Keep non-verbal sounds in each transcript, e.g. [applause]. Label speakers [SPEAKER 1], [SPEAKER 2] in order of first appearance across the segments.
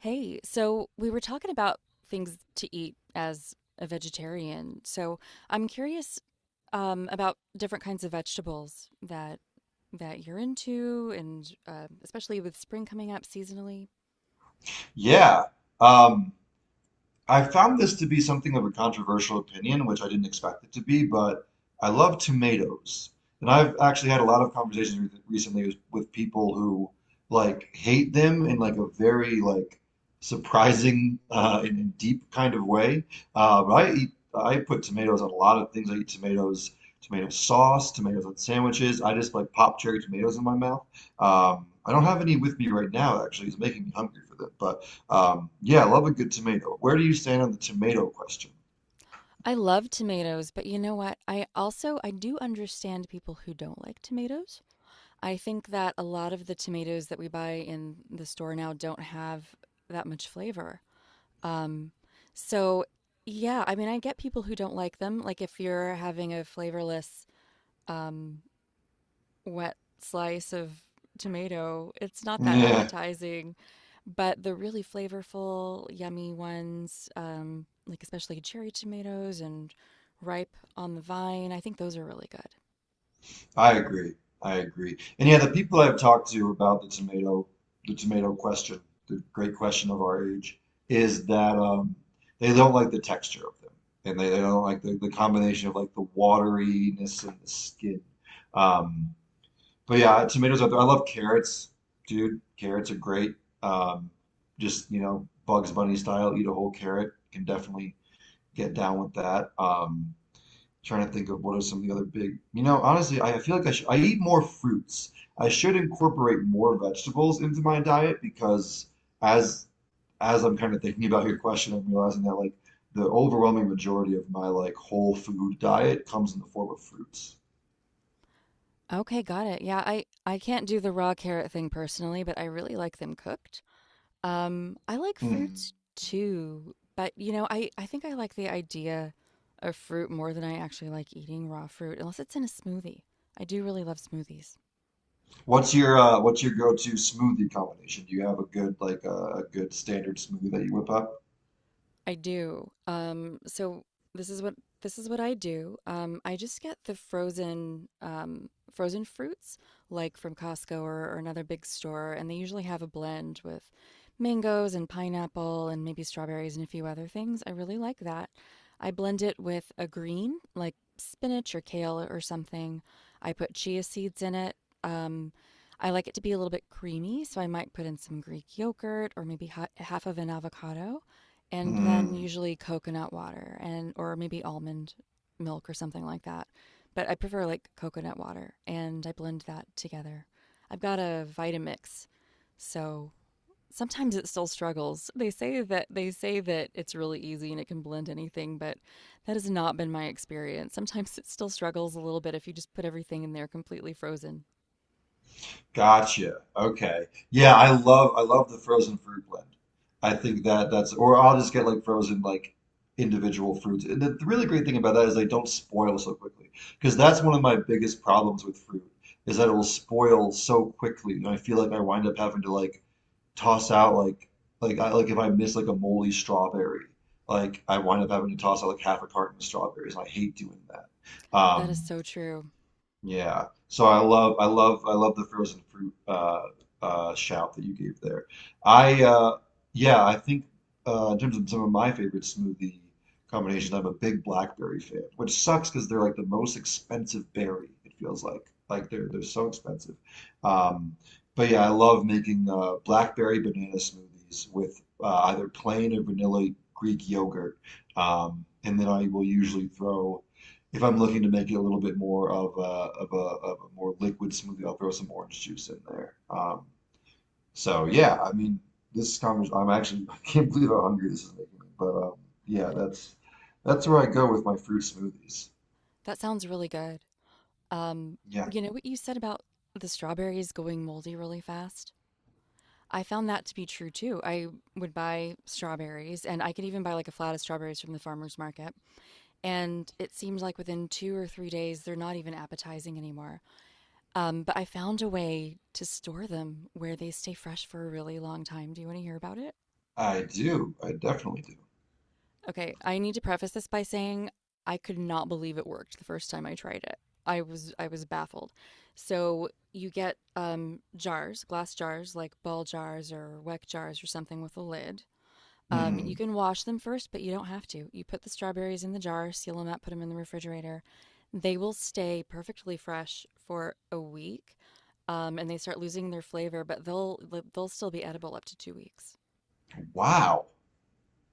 [SPEAKER 1] Hey, so we were talking about things to eat as a vegetarian. So I'm curious about different kinds of vegetables that you're into, and especially with spring coming up seasonally.
[SPEAKER 2] Yeah. Um, I found this to be something of a controversial opinion, which I didn't expect it to be, but I love tomatoes. And I've actually had a lot of conversations re recently with people who like hate them in like a very like surprising and deep kind of way. But I put tomatoes on a lot of things. I eat tomatoes, tomato sauce, tomatoes on sandwiches. I just like pop cherry tomatoes in my mouth. I don't have any with me right now, actually. It's making me hungry for them, but yeah, I love a good tomato. Where do you stand on the tomato question?
[SPEAKER 1] I love tomatoes, but you know what? I also I do understand people who don't like tomatoes. I think that a lot of the tomatoes that we buy in the store now don't have that much flavor. Um, so yeah, I mean, I get people who don't like them. Like if you're having a flavorless, um, wet slice of tomato, it's not that
[SPEAKER 2] Yeah,
[SPEAKER 1] appetizing. But the really flavorful, yummy ones, like especially cherry tomatoes and ripe on the vine, I think those are really good.
[SPEAKER 2] I agree. I agree. And yeah, the people I've talked to about the tomato question, the great question of our age, is that they don't like the texture of them, and they don't like the combination of like the wateriness and the skin. Um, but yeah, tomatoes out there. I love carrots, dude. Carrots are great. Um, just you know, Bugs Bunny style, eat a whole carrot. Can definitely get down with that. Trying to think of what are some of the other big, you know, honestly, I eat more fruits. I should incorporate more vegetables into my diet because as as I'm kind of thinking about your question, I'm realizing that like the overwhelming majority of my like whole food diet comes in the form of fruits.
[SPEAKER 1] Okay, got it. Yeah, I can't do the raw carrot thing personally, but I really like them cooked. I like
[SPEAKER 2] Mhm.
[SPEAKER 1] fruits too, but you know, I think I like the idea of fruit more than I actually like eating raw fruit, unless it's in a smoothie. I do really love smoothies.
[SPEAKER 2] What's your go-to smoothie combination? Do you have a good like a good standard smoothie that you whip up?
[SPEAKER 1] I do. So this is what this is what I do. I just get the frozen frozen fruits, like from Costco or another big store, and they usually have a blend with mangoes and pineapple and maybe strawberries and a few other things. I really like that. I blend it with a green, like spinach or kale or something. I put chia seeds in it. Um, I like it to be a little bit creamy, so I might put in some Greek yogurt or maybe ha half of an avocado and then
[SPEAKER 2] Mhm.
[SPEAKER 1] usually coconut water and or maybe almond milk or something like that. But I prefer like coconut water and I blend that together. I've got a Vitamix, so sometimes it still struggles. They say that it's really easy and it can blend anything, but that has not been my experience. Sometimes it still struggles a little bit if you just put everything in there completely frozen.
[SPEAKER 2] Gotcha. Okay. Yeah, I love the frozen fruit blend. I think that that's or I'll just get like frozen like individual fruits. And the really great thing about that is they don't spoil so quickly because that's one of my biggest problems with fruit is that it will spoil so quickly. And I feel like I wind up having to like toss out I like if I miss like a moldy strawberry, like I wind up having to toss out like half a carton of strawberries. I hate doing that.
[SPEAKER 1] That is so true.
[SPEAKER 2] Yeah. So I love the frozen fruit shout that you gave there. I yeah, I think in terms of some of my favorite smoothie combinations, I'm a big blackberry fan, which sucks because they're like the most expensive berry, it feels like. Like they're so expensive. Um but yeah, I love making blackberry banana smoothies with either plain or vanilla Greek yogurt. And then I will usually throw if I'm looking to make it a little bit more of a more liquid smoothie, I'll throw some orange juice in there. So yeah, I mean, this conversation, I'm actually, [laughs] I can't believe how hungry this is making me. But yeah, that's where I go with my fruit smoothies.
[SPEAKER 1] That sounds really good. Um,
[SPEAKER 2] Yeah,
[SPEAKER 1] you know what you said about the strawberries going moldy really fast? I found that to be true too. I would buy strawberries, and I could even buy like a flat of strawberries from the farmer's market. And it seems like within 2 or 3 days, they're not even appetizing anymore. But I found a way to store them where they stay fresh for a really long time. Do you want to hear about it?
[SPEAKER 2] I do. I definitely do.
[SPEAKER 1] Okay, I need to preface this by saying I could not believe it worked the first time I tried it. I was baffled. So you get jars, glass jars, like ball jars or weck jars or something with a lid. You
[SPEAKER 2] Mhm.
[SPEAKER 1] can wash them first, but you don't have to. You put the strawberries in the jar, seal them up, put them in the refrigerator. They will stay perfectly fresh for a week, and they start losing their flavor, but they'll still be edible up to 2 weeks.
[SPEAKER 2] Wow,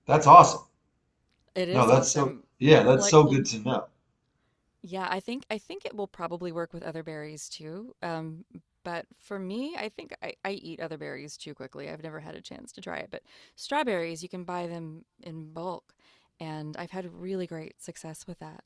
[SPEAKER 2] that's awesome.
[SPEAKER 1] It
[SPEAKER 2] No,
[SPEAKER 1] is
[SPEAKER 2] that's so.
[SPEAKER 1] awesome.
[SPEAKER 2] Yeah, that's
[SPEAKER 1] Like,
[SPEAKER 2] so good to know.
[SPEAKER 1] yeah, I think it will probably work with other berries too. But for me, I think I eat other berries too quickly. I've never had a chance to try it, but strawberries you can buy them in bulk, and I've had really great success with that.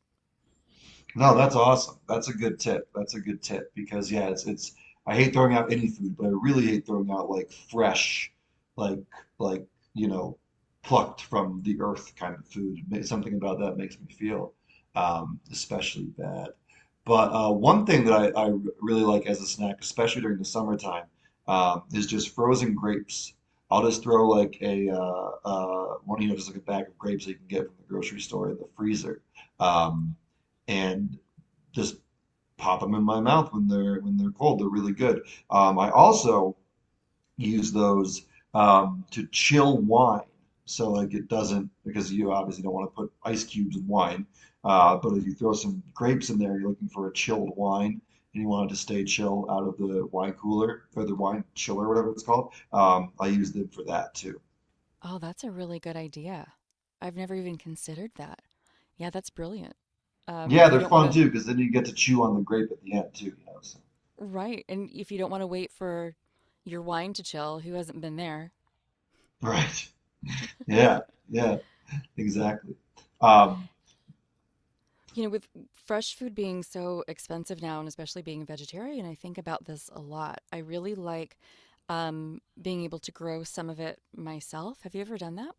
[SPEAKER 2] No, that's awesome. That's a good tip. That's a good tip because yeah, it's I hate throwing out any food, but I really hate throwing out like fresh, like like you know, plucked from the earth kind of food. Something about that makes me feel especially bad. But one thing that I really like as a snack, especially during the summertime, is just frozen grapes. I'll just throw like a one, you know, just like a bag of grapes that you can get from the grocery store in the freezer. Um, and just pop them in my mouth when they're cold. They're really good. I also use those to chill wine. So like it doesn't because you obviously don't want to put ice cubes in wine. But if you throw some grapes in there, you're looking for a chilled wine and you want it to stay chill out of the wine cooler or the wine chiller, whatever it's called. I use them for that too.
[SPEAKER 1] Oh, that's a really good idea. I've never even considered that. Yeah, that's brilliant.
[SPEAKER 2] Yeah,
[SPEAKER 1] If you
[SPEAKER 2] they're
[SPEAKER 1] don't want
[SPEAKER 2] fun
[SPEAKER 1] to,
[SPEAKER 2] too because then you get to chew on the grape at the end too, you know. So.
[SPEAKER 1] right, and if you don't want to wait for your wine to chill, who hasn't been there?
[SPEAKER 2] Right. Yeah.
[SPEAKER 1] [laughs]
[SPEAKER 2] Yeah. Exactly. Um,
[SPEAKER 1] You know, with fresh food being so expensive now, and especially being a vegetarian, I think about this a lot. I really like being able to grow some of it myself. Have you ever done that?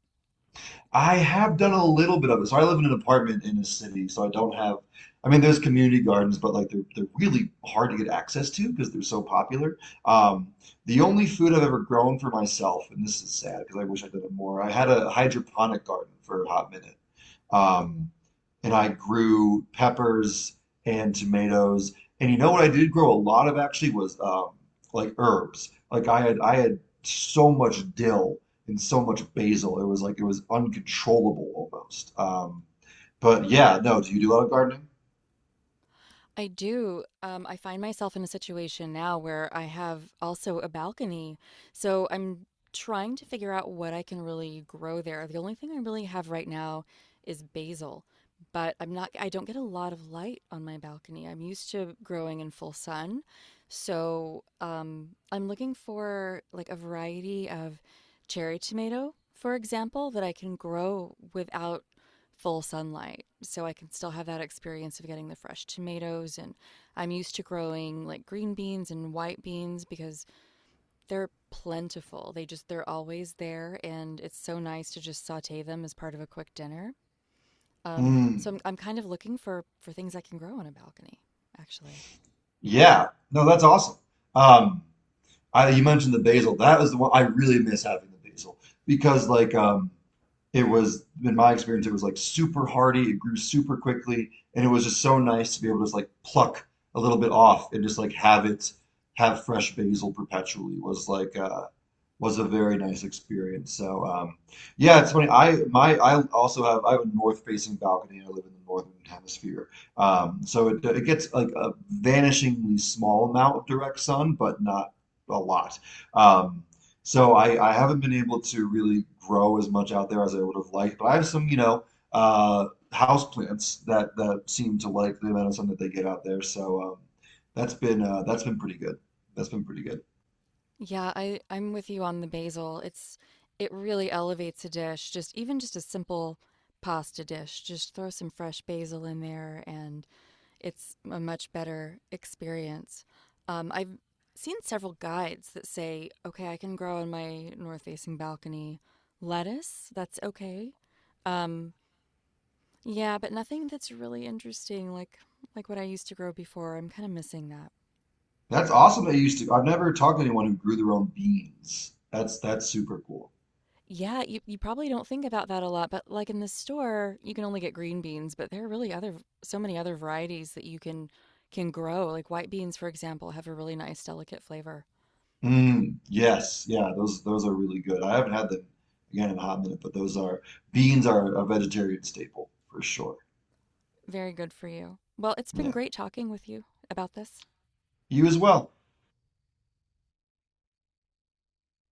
[SPEAKER 2] I have done a little bit of it. So I live in an apartment in a city, so I don't have. I mean, there's community gardens, but like they're really hard to get access to because they're so popular. Um, the only food I've ever grown for myself, and this is sad because I wish I'd done it more. I had a hydroponic garden for a hot minute,
[SPEAKER 1] Oh,
[SPEAKER 2] um, and I grew peppers and tomatoes. And you know what I did grow a lot of actually was like herbs. Like I had so much dill and so much basil. It was like it was uncontrollable almost. But yeah, no, do you do a lot of gardening?
[SPEAKER 1] I do. I find myself in a situation now where I have also a balcony. So I'm trying to figure out what I can really grow there. The only thing I really have right now is basil, but I don't get a lot of light on my balcony. I'm used to growing in full sun. So I'm looking for like a variety of cherry tomato, for example, that I can grow without full sunlight. So I can still have that experience of getting the fresh tomatoes. And I'm used to growing like green beans and white beans because they're plentiful. They're always there. And it's so nice to just saute them as part of a quick dinner. So
[SPEAKER 2] Mm,
[SPEAKER 1] I'm kind of looking for things I can grow on a balcony, actually.
[SPEAKER 2] yeah. No, that's awesome. Um, I, you mentioned the basil. That was the one I really miss having the basil because like it was in my experience it was like super hardy. It grew super quickly, and it was just so nice to be able to just like pluck a little bit off and just like have fresh basil perpetually was like was a very nice experience. So yeah, it's funny. I also have I have a north facing balcony. I live in the northern hemisphere, so it gets like a vanishingly small amount of direct sun, but not a lot. Um, so I haven't been able to really grow as much out there as I would have liked. But I have some you know uh, house plants that that seem to like the amount of sun that they get out there. So that's been pretty good. That's been pretty good.
[SPEAKER 1] Yeah, I'm with you on the basil. It's, it really elevates a dish. Just even just a simple pasta dish. Just throw some fresh basil in there and it's a much better experience. I've seen several guides that say, okay, I can grow on my north facing balcony lettuce. That's okay. Um, yeah, but nothing that's really interesting, like what I used to grow before. I'm kind of missing that.
[SPEAKER 2] That's awesome that you used to. I've never talked to anyone who grew their own beans. That's super cool.
[SPEAKER 1] Yeah, you probably don't think about that a lot, but like in the store, you can only get green beans, but there are really other so many other varieties that you can grow. Like white beans, for example, have a really nice, delicate flavor.
[SPEAKER 2] Mm, yes, yeah, those are really good. I haven't had them again in a hot minute, but those are beans are a vegetarian staple for sure.
[SPEAKER 1] Very good for you. Well, it's been
[SPEAKER 2] Yeah.
[SPEAKER 1] great talking with you about this.
[SPEAKER 2] You as well.